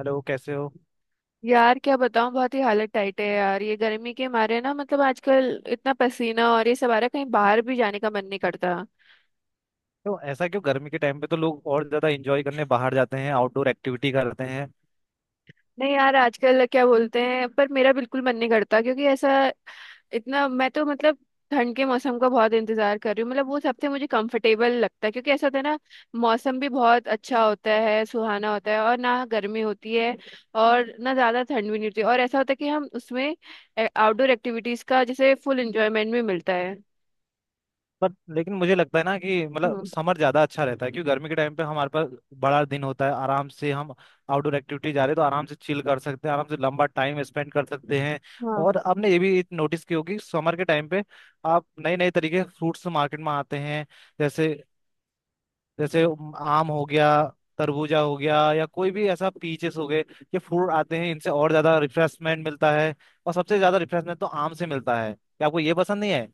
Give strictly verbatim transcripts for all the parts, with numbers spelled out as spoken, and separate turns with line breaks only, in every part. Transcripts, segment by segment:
Hello, कैसे हो?
यार क्या बताऊं, बहुत ही हालत टाइट है यार, ये गर्मी के मारे ना मतलब आजकल इतना पसीना और ये सब आ रहा है, कहीं बाहर भी जाने का मन नहीं करता।
तो ऐसा क्यों? गर्मी के टाइम पे तो लोग और ज्यादा एंजॉय करने बाहर जाते हैं, आउटडोर एक्टिविटी करते हैं।
नहीं यार आजकल क्या बोलते हैं, पर मेरा बिल्कुल मन नहीं करता क्योंकि ऐसा, इतना मैं तो मतलब ठंड के मौसम का बहुत इंतजार कर रही हूँ। मतलब वो सबसे मुझे कंफर्टेबल लगता है क्योंकि ऐसा होता है ना, मौसम भी बहुत अच्छा होता है, सुहाना होता है, और ना गर्मी होती है और ना ज्यादा ठंड भी नहीं होती, और ऐसा होता है कि हम उसमें आउटडोर एक्टिविटीज का जैसे फुल एंजॉयमेंट भी मिलता है।
बट लेकिन मुझे लगता है ना कि मतलब
हम्म।
समर ज्यादा अच्छा रहता है, क्योंकि गर्मी के टाइम पे हमारे पास बड़ा दिन होता है। आराम से हम आउटडोर एक्टिविटी जा रहे हैं तो आराम से चिल कर सकते हैं, आराम से लंबा टाइम स्पेंड कर सकते हैं।
हाँ,
और आपने ये भी नोटिस की होगी समर के टाइम पे आप नए नए तरीके फ्रूट्स मार्केट में आते हैं। जैसे जैसे आम हो गया, तरबूजा हो गया, या कोई भी ऐसा पीचेस हो गए। ये फ्रूट आते हैं, इनसे और ज्यादा रिफ्रेशमेंट मिलता है। और सबसे ज्यादा रिफ्रेशमेंट तो आम से मिलता है। क्या आपको ये पसंद नहीं है?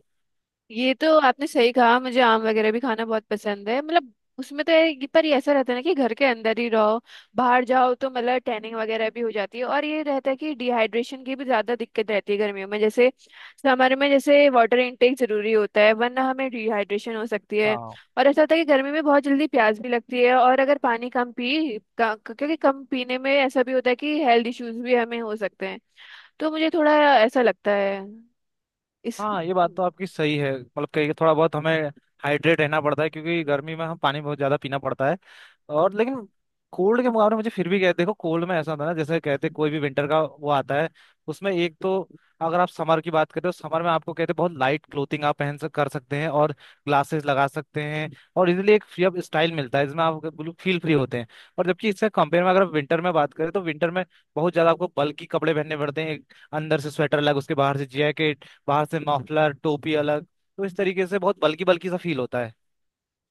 ये तो आपने सही कहा, मुझे आम वगैरह भी खाना बहुत पसंद है। मतलब उसमें तो ये, पर ये ऐसा रहता है ना कि घर के अंदर ही रहो, बाहर जाओ तो मतलब टैनिंग वगैरह भी हो जाती है, और ये रहता है कि डिहाइड्रेशन की भी ज्यादा दिक्कत रहती है गर्मियों में। जैसे समर में जैसे वाटर इनटेक जरूरी होता है, वरना हमें डिहाइड्रेशन हो सकती है।
हाँ,
और ऐसा होता है कि गर्मी में बहुत जल्दी प्यास भी लगती है, और अगर पानी कम पी का- क्योंकि कम पीने में ऐसा भी होता है कि हेल्थ इश्यूज भी हमें हो सकते हैं। तो मुझे थोड़ा ऐसा लगता है। इस
हाँ, ये बात तो आपकी सही है। मतलब कहीं थोड़ा बहुत हमें हाइड्रेट रहना पड़ता है, क्योंकि गर्मी में हम पानी बहुत ज्यादा पीना पड़ता है। और लेकिन कोल्ड के मुकाबले मुझे फिर भी कहते, देखो, कोल्ड में ऐसा था ना, जैसे कहते कोई भी विंटर का वो आता है, उसमें एक तो अगर आप समर की बात करें तो समर में आपको कहते बहुत लाइट क्लोथिंग आप पहन सक कर सकते हैं, और ग्लासेस लगा सकते हैं। और इजीली एक फ्री अप स्टाइल मिलता है, जिसमें आप बिल्कुल फील फ्री होते हैं। और जबकि इससे कंपेयर में अगर आप विंटर में बात करें तो विंटर में बहुत ज्यादा आपको बल्कि कपड़े पहनने पड़ते हैं, एक अंदर से स्वेटर अलग, उसके बाहर से जैकेट, बाहर से मफलर, टोपी अलग। तो इस तरीके से बहुत बल्कि बल्कि सा फील होता है।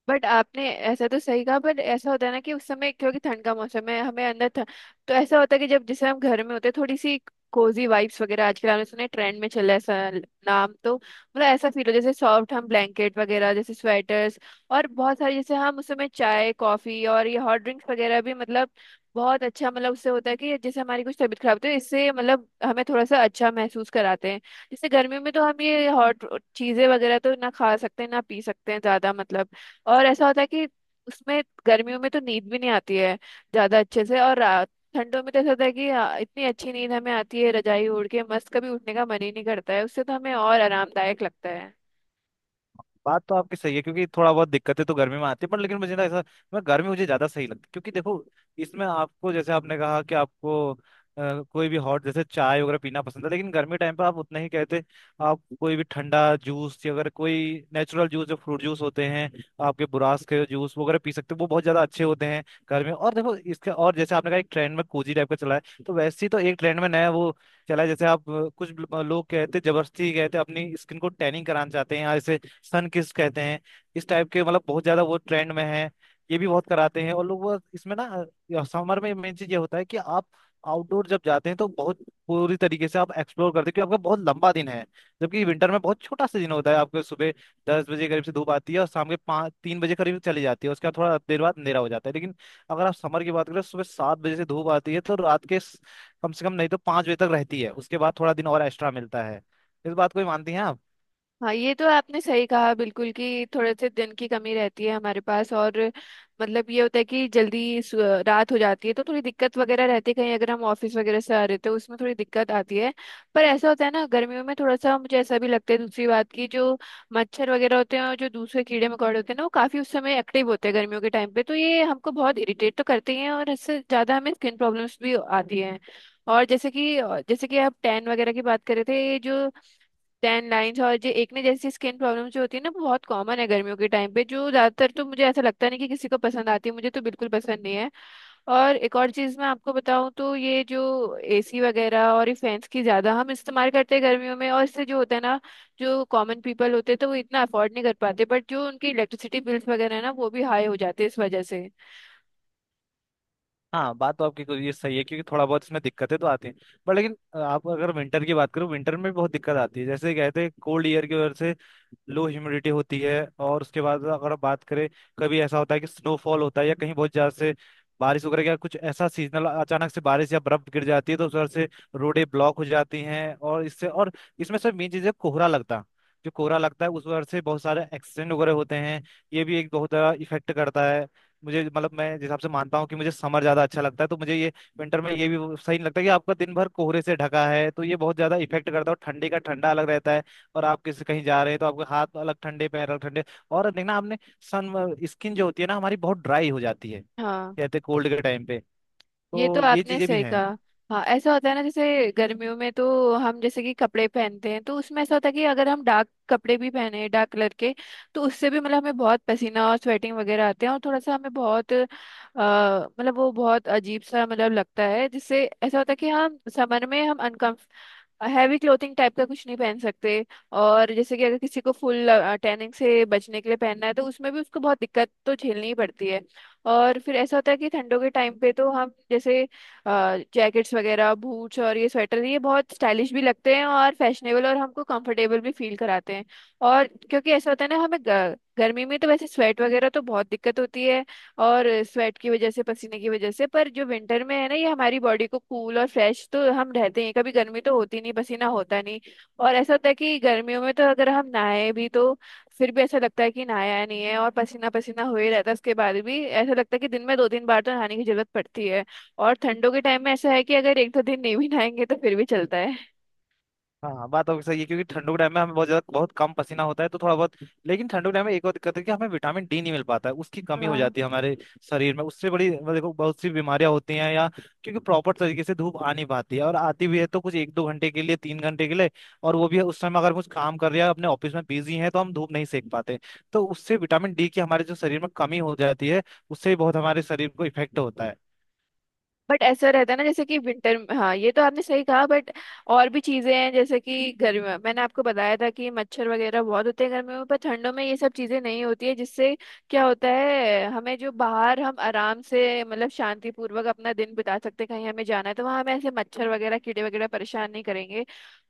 बट आपने ऐसा तो सही कहा, बट ऐसा होता है ना कि उस समय क्योंकि ठंड का मौसम है हमें अंदर था। तो ऐसा होता है कि जब जैसे हम घर में होते हैं, थोड़ी सी कोजी वाइब्स वगैरह आजकल हमने सुने ट्रेंड में चला है, ऐसा नाम तो मतलब, ऐसा फील हो जैसे सॉफ्ट हम ब्लैंकेट वगैरह, जैसे स्वेटर्स। और बहुत सारे जैसे हम उस समय चाय कॉफी और ये हॉट ड्रिंक्स वगैरह भी मतलब, बहुत अच्छा मतलब उससे होता है कि जैसे हमारी कुछ तबीयत खराब होती है, इससे मतलब हमें थोड़ा सा अच्छा महसूस कराते हैं। जैसे गर्मियों में तो हम ये हॉट चीजें वगैरह तो ना खा सकते हैं ना पी सकते हैं ज्यादा, मतलब। और ऐसा होता है कि उसमें गर्मियों में तो नींद भी नहीं आती है ज्यादा अच्छे से, और रात, ठंडों में तो ऐसा होता है कि आ, इतनी अच्छी नींद हमें आती है, रजाई ओढ़ के मस्त कभी उठने का मन ही नहीं करता है, उससे तो हमें और आरामदायक लगता है।
बात तो आपकी सही है, क्योंकि थोड़ा बहुत दिक्कतें तो गर्मी में आती है। पर लेकिन मुझे ना ऐसा, मैं गर्मी मुझे ज्यादा सही लगती है, क्योंकि देखो, इसमें आपको जैसे आपने कहा कि आपको अ, कोई भी हॉट जैसे चाय वगैरह पीना पसंद है, लेकिन गर्मी टाइम पर आप उतना ही कहते, आप कोई भी ठंडा जूस, या अगर कोई नेचुरल जूस जो फ्रूट जूस होते हैं, आपके बुरास के जूस वगैरह पी सकते हो, वो बहुत ज्यादा अच्छे होते हैं गर्मी में। और देखो इसका, और जैसे आपने कहा एक ट्रेंड में कोजी टाइप का चला है, तो वैसे ही तो एक ट्रेंड में नया वो चला है। जैसे आप अ, कुछ लोग कहते हैं, जबरदस्ती कहते हैं अपनी स्किन को टैनिंग कराना चाहते हैं, या ऐसे सन किस कहते हैं। इस टाइप के मतलब बहुत ज्यादा वो ट्रेंड में है, ये भी बहुत कराते हैं। और लोग वो इसमें ना समर में मेन चीज ये होता है कि आप आउटडोर जब जाते हैं तो बहुत पूरी तरीके से आप एक्सप्लोर करते हैं, क्योंकि आपका बहुत लंबा दिन है। जबकि विंटर में बहुत छोटा सा दिन होता है। आपके सुबह दस बजे करीब से धूप आती है और शाम के पाँच तीन बजे करीब चली जाती है। उसके बाद थोड़ा देर बाद अंधेरा हो जाता है। लेकिन अगर आप समर की बात करें, सुबह सात बजे से धूप आती है तो रात के स- कम से कम नहीं तो पाँच बजे तक रहती है, उसके बाद थोड़ा दिन और एक्स्ट्रा मिलता है। इस बात को भी मानती हैं आप?
हाँ, ये तो आपने सही कहा, बिल्कुल, कि थोड़े से दिन की कमी रहती है हमारे पास, और मतलब ये होता है कि जल्दी सु- रात हो जाती है, तो थोड़ी दिक्कत वगैरह रहती है, कहीं अगर हम ऑफिस वगैरह से आ रहे तो उसमें थोड़ी दिक्कत आती है। पर ऐसा होता है ना, गर्मियों में थोड़ा सा मुझे ऐसा भी लगता है, दूसरी बात, की जो मच्छर वगैरह होते हैं और जो दूसरे कीड़े मकोड़े होते हैं ना, वो काफी उस समय एक्टिव होते हैं गर्मियों के टाइम पे, तो ये हमको बहुत इरिटेट तो करते ही हैं और इससे ज्यादा हमें स्किन प्रॉब्लम्स भी आती हैं। और जैसे कि जैसे कि आप टैन वगैरह की बात कर रहे थे, ये जो टेन लाइन्स और ये एकने जैसी स्किन प्रॉब्लम जो होती है ना, वो बहुत कॉमन है गर्मियों के टाइम पे, जो ज्यादातर तो मुझे ऐसा लगता नहीं कि किसी को पसंद आती है, मुझे तो बिल्कुल पसंद नहीं है। और एक और चीज मैं आपको बताऊं तो ये जो एसी वगैरह और ये फैंस की ज्यादा हम इस्तेमाल करते हैं गर्मियों में, और इससे जो होता है ना, जो कॉमन पीपल होते हैं तो वो इतना अफोर्ड नहीं कर पाते, बट जो उनकी इलेक्ट्रिसिटी बिल्स वगैरह है ना वो भी हाई हो जाते हैं इस वजह से।
हाँ, बात तो आपकी कुछ- ये सही है, क्योंकि थोड़ा बहुत इसमें दिक्कतें तो आती हैं। पर लेकिन अ, आप अगर विंटर की बात करो, विंटर में भी बहुत दिक्कत आती है। जैसे कहते हैं कोल्ड ईयर की वजह से लो ह्यूमिडिटी होती है। और उसके बाद अगर आप बात करें, कभी ऐसा होता है कि स्नोफॉल होता है, या कहीं बहुत ज्यादा से बारिश वगैरह का कुछ ऐसा सीजनल अचानक से बारिश या बर्फ गिर जाती है, तो उस वजह से रोडें ब्लॉक हो जाती हैं। और इससे, और इसमें सब मेन चीज़ है कोहरा लगता। जो कोहरा लगता है उस वजह से बहुत सारे एक्सीडेंट वगैरह होते हैं। ये भी एक बहुत बड़ा इफेक्ट करता है। मुझे मतलब मैं जिस हिसाब से मानता हूँ कि मुझे समर ज्यादा अच्छा लगता है, तो मुझे ये विंटर में ये भी सही नहीं लगता कि आपका दिन भर कोहरे से ढका है। तो ये बहुत ज्यादा इफेक्ट करता है। और ठंडी का ठंडा अलग रहता है, और आप किसी कहीं जा रहे हैं तो आपके हाथ अलग ठंडे, पैर अलग ठंडे। और देखना आपने, सन स्किन जो होती है ना हमारी बहुत ड्राई हो जाती है
हाँ,
कहते कोल्ड के टाइम पे।
ये तो
तो ये
आपने
चीजें भी
सही
हैं।
कहा। हाँ, ऐसा होता है ना, जैसे गर्मियों में तो हम जैसे कि कपड़े पहनते हैं तो उसमें ऐसा होता है कि अगर हम डार्क कपड़े भी पहने, डार्क कलर के, तो उससे भी मतलब हमें बहुत पसीना और स्वेटिंग वगैरह आते हैं, और थोड़ा सा हमें बहुत अ, मतलब वो बहुत अजीब सा मतलब लगता है, जिससे ऐसा होता है कि हम समर में हम हैवी क्लोथिंग टाइप का कुछ नहीं पहन सकते। और जैसे कि अगर किसी को फुल टैनिंग से बचने के लिए पहनना है, तो उसमें भी उसको बहुत दिक्कत तो झेलनी ही पड़ती है। और फिर ऐसा होता है कि ठंडों के टाइम पे तो हम जैसे जैकेट्स वगैरह, बूट्स, और ये स्वेटर, ये बहुत स्टाइलिश भी लगते हैं और फैशनेबल, और हमको कंफर्टेबल भी फील कराते हैं। और क्योंकि ऐसा होता है ना हमें ग- गर्मी में तो वैसे स्वेट वगैरह तो बहुत दिक्कत होती है, और स्वेट की वजह से, पसीने की वजह से, पर जो विंटर में है ना, ये हमारी बॉडी को कूल और फ्रेश तो हम रहते हैं, कभी गर्मी तो होती नहीं, पसीना होता नहीं। और ऐसा होता है कि गर्मियों में तो अगर हम नहाए भी तो फिर भी ऐसा लगता है कि नहाया नहीं है, और पसीना पसीना हो ही रहता है उसके बाद भी, ऐसा लगता है कि दिन में दो तीन बार तो नहाने की जरूरत पड़ती है। और ठंडों के टाइम में ऐसा है कि अगर एक दो दिन नहीं भी नहाएंगे तो फिर भी चलता है।
हाँ, बात आपकी सही है, क्योंकि ठंडों के टाइम में हमें बहुत ज्यादा बहुत कम पसीना होता है। तो थोड़ा बहुत, लेकिन ठंडों के टाइम में एक और दिक्कत है कि हमें विटामिन डी नहीं मिल पाता है, उसकी कमी हो
हाँ।
जाती है हमारे शरीर में। उससे बड़ी मतलब, देखो, बहुत सी बीमारियां होती हैं, या क्योंकि प्रॉपर तरीके से धूप आ नहीं पाती है, और आती भी है तो कुछ एक दो घंटे के लिए, तीन घंटे के लिए। और वो भी उस समय अगर कुछ काम कर रहे हैं अपने ऑफिस में बिजी हैं तो हम धूप नहीं सेक पाते। तो उससे विटामिन डी की हमारे जो शरीर में कमी हो जाती है, उससे भी बहुत हमारे शरीर को इफेक्ट होता है।
बट ऐसा रहता है ना जैसे कि विंटर, हाँ ये तो आपने सही कहा, बट और भी चीजें हैं, जैसे कि गर्मी, मैंने आपको बताया था कि मच्छर वगैरह बहुत होते हैं गर्मियों में, पर ठंडों में ये सब चीजें नहीं होती है, जिससे क्या होता है हमें, जो बाहर हम आराम से मतलब शांतिपूर्वक अपना दिन बिता सकते हैं, कहीं हमें जाना है तो वहाँ हमें ऐसे मच्छर वगैरह कीड़े वगैरह परेशान नहीं करेंगे।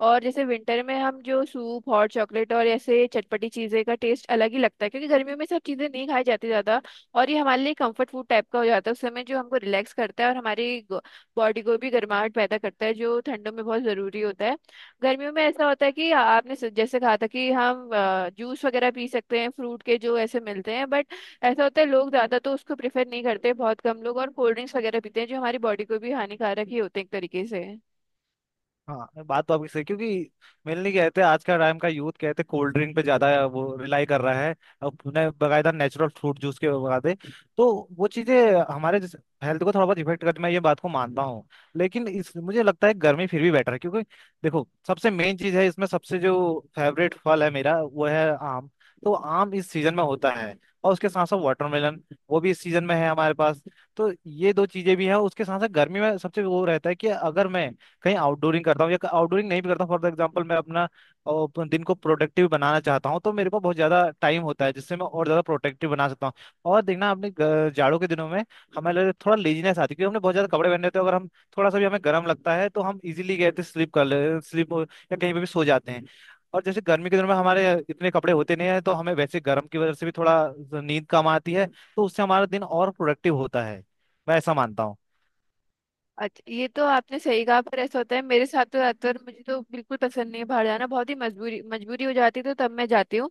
और जैसे विंटर में हम जो सूप, हॉट चॉकलेट और ऐसे चटपटी चीजें का टेस्ट अलग ही लगता है, क्योंकि गर्मियों में सब चीजें नहीं खाई जाती ज्यादा, और ये हमारे लिए कंफर्ट फूड टाइप का हो जाता है उस समय, जो हमको रिलैक्स करता है, और हमारी बॉडी को भी गर्माहट पैदा करता है जो ठंडों में बहुत ज़रूरी होता है। गर्मियों में ऐसा होता है कि आपने स- जैसे कहा था कि हम जूस वगैरह पी सकते हैं फ्रूट के, जो ऐसे मिलते हैं, बट ऐसा होता है लोग ज़्यादा तो उसको प्रेफर नहीं करते, बहुत कम लोग, और कोल्ड ड्रिंक्स वगैरह पीते हैं जो हमारी बॉडी को भी हानिकारक ही होते हैं एक तरीके से।
हाँ, बात तो आपकी सही, क्योंकि मेरे लिए कहते हैं आज का टाइम का यूथ कहते हैं कोल्ड ड्रिंक पे ज्यादा वो रिलाई कर रहा है, और उन्हें बकायदा नेचुरल फ्रूट जूस के बगाते। तो वो चीजें हमारे हेल्थ को थोड़ा बहुत इफेक्ट करती, मैं ये बात को मानता हूँ। लेकिन इस मुझे लगता है गर्मी फिर भी बेटर है, क्योंकि देखो सबसे मेन चीज है इसमें, सबसे जो फेवरेट फल है मेरा वो है आम। तो आम इस सीजन में होता है, और उसके साथ साथ वाटरमेलन, वो भी इस सीजन में है हमारे पास। तो ये दो चीजें भी हैं। उसके साथ साथ गर्मी में सबसे वो रहता है कि अगर मैं कहीं आउटडोरिंग करता हूँ, या आउटडोरिंग नहीं भी करता हूँ। फॉर एग्जाम्पल मैं अपना अ, अपन दिन को प्रोडक्टिव बनाना चाहता हूँ, तो मेरे पास बहुत ज्यादा टाइम होता है जिससे मैं और ज्यादा प्रोडक्टिव बना सकता हूँ। और देखना अपने ग- जाड़ों के दिनों में हमारे लिए थोड़ा लेजीनेस आती है, क्योंकि हमने बहुत ज्यादा कपड़े पहने होते हैं। अगर हम थोड़ा सा भी हमें गर्म लगता है तो हम इजीली कहते स्लीप कर ले स्लीप या कहीं पे भी सो जाते हैं। और जैसे गर्मी के दिनों में हमारे इतने कपड़े होते नहीं है तो हमें वैसे गर्म की वजह से भी थोड़ा नींद कम आती है। तो उससे हमारा दिन और प्रोडक्टिव होता है, मैं ऐसा मानता हूँ।
अच्छा, ये तो आपने सही कहा, पर ऐसा होता है मेरे साथ तो, ज्यादातर मुझे तो बिल्कुल पसंद नहीं है बाहर जाना, बहुत ही मजबूरी मजबूरी हो जाती है तो तब मैं जाती हूँ।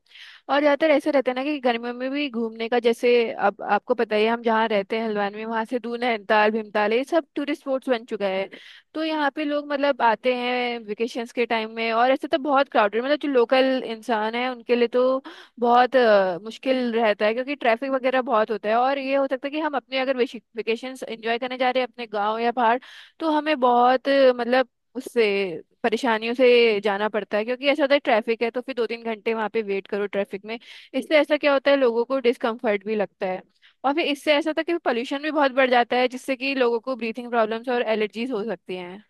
और ज्यादातर ऐसा रहता है ना, कि गर्मियों में भी घूमने का, जैसे अब आपको पता ही है, हम जहाँ रहते हैं हल्द्वानी में, वहाँ से दून है, नैनीताल, भीमताल, ये सब टूरिस्ट स्पॉट्स बन चुका है। तो यहाँ पे लोग मतलब आते हैं वेकेशंस के टाइम में, और ऐसे तो बहुत क्राउडेड, मतलब जो लोकल इंसान है उनके लिए तो बहुत अ, मुश्किल रहता है, क्योंकि ट्रैफिक वगैरह बहुत होता है, और ये हो सकता है कि हम अपने अगर वेकेशंस एंजॉय करने जा रहे हैं अपने गाँव या बाहर, तो हमें बहुत मतलब उससे परेशानियों से जाना पड़ता है, क्योंकि ऐसा होता है ट्रैफिक है तो फिर दो तीन घंटे वहां पे वेट करो ट्रैफिक में। इससे ऐसा क्या होता है, लोगों को डिस्कम्फर्ट भी लगता है, और फिर इससे ऐसा होता है कि पोल्यूशन भी बहुत बढ़ जाता है, जिससे कि लोगों को ब्रीथिंग प्रॉब्लम्स और एलर्जीज हो सकती हैं।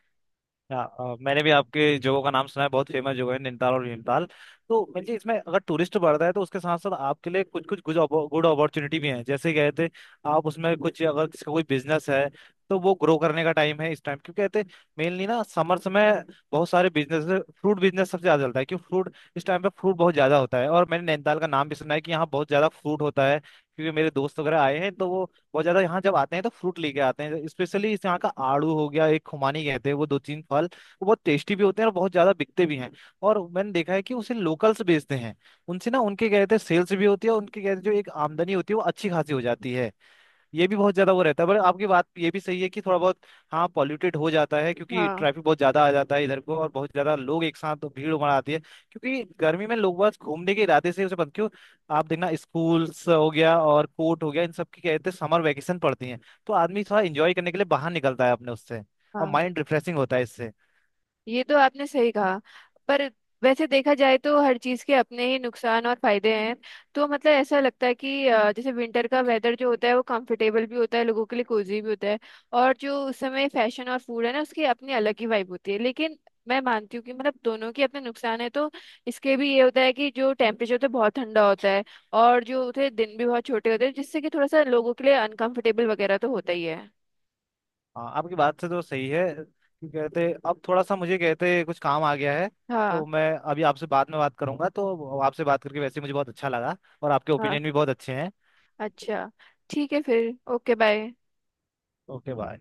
हाँ, अ, मैंने भी आपके जगहों का नाम सुना है, बहुत फेमस जगह है नैनीताल और भीमताल। तो मुझे इसमें अगर टूरिस्ट बढ़ता है तो उसके साथ साथ आपके लिए कुछ कुछ गुड गुड अपॉर्चुनिटी भी हैं। जैसे कहते हैं आप उसमें कुछ अगर किसी का कोई बिजनेस है, तो वो ग्रो करने का टाइम है इस टाइम, क्योंकि कहते हैं मेनली ना समर समय बहुत सारे बिजनेस, फ्रूट बिजनेस सबसे ज्यादा चलता है, क्योंकि फ्रूट इस टाइम पे फ्रूट बहुत ज्यादा होता है। और मैंने नैनीताल का नाम भी सुना है कि यहाँ बहुत ज्यादा फ्रूट होता है, क्योंकि मेरे दोस्त वगैरह आए हैं, तो वो बहुत ज्यादा यहाँ जब आते हैं तो फ्रूट लेके आते हैं। स्पेशली इस यहाँ का आड़ू हो गया, एक खुमानी कहते हैं वो, दो तीन फल वो बहुत टेस्टी भी होते हैं और बहुत ज्यादा बिकते भी हैं। और मैंने देखा है कि उसे लोकल्स बेचते हैं उनसे ना, उनके कहते हैं सेल्स भी होती है, उनके कहते हैं जो एक आमदनी होती है वो अच्छी खासी हो जाती है। ये भी बहुत ज्यादा वो रहता है। पर आपकी बात ये भी सही है कि थोड़ा बहुत हाँ पॉल्यूटेड हो जाता है, क्योंकि
हाँ।
ट्रैफिक बहुत ज्यादा आ जाता है इधर को, और बहुत ज्यादा लोग एक साथ तो भीड़ उमड़ आती है, क्योंकि गर्मी में लोग बस घूमने के इरादे से उसे बंद क्यों आप देखना स्कूल्स हो गया और कोर्ट हो गया, इन सब की कहते हैं समर वैकेशन पड़ती है। तो आदमी थोड़ा इंजॉय करने के लिए बाहर निकलता है अपने उससे, और
हाँ,
माइंड रिफ्रेशिंग होता है इससे।
ये तो आपने सही कहा, पर वैसे देखा जाए तो हर चीज़ के अपने ही नुकसान और फायदे हैं। तो मतलब ऐसा लगता है कि अ, जैसे विंटर का वेदर जो होता है वो कंफर्टेबल भी होता है लोगों के लिए, कोजी भी होता है, और जो उस समय फैशन और फूड है ना उसकी अपनी अलग ही वाइब होती है, लेकिन मैं मानती हूँ कि मतलब दोनों के अपने नुकसान है, तो इसके भी ये होता है कि जो टेम्परेचर होता है बहुत ठंडा होता है, और जो होते हैं दिन भी बहुत छोटे होते हैं, जिससे कि थोड़ा सा लोगों के लिए अनकंफर्टेबल वगैरह तो होता ही है।
हाँ, आपकी बात से तो सही है कि कहते अब थोड़ा सा मुझे कहते कुछ काम आ गया है। तो
हाँ।
मैं अभी आपसे बाद में बात करूंगा। तो आपसे बात करके वैसे ही मुझे बहुत अच्छा लगा, और आपके
हाँ।
ओपिनियन भी बहुत अच्छे हैं।
अच्छा। ठीक है फिर। Okay bye.
Okay, bye.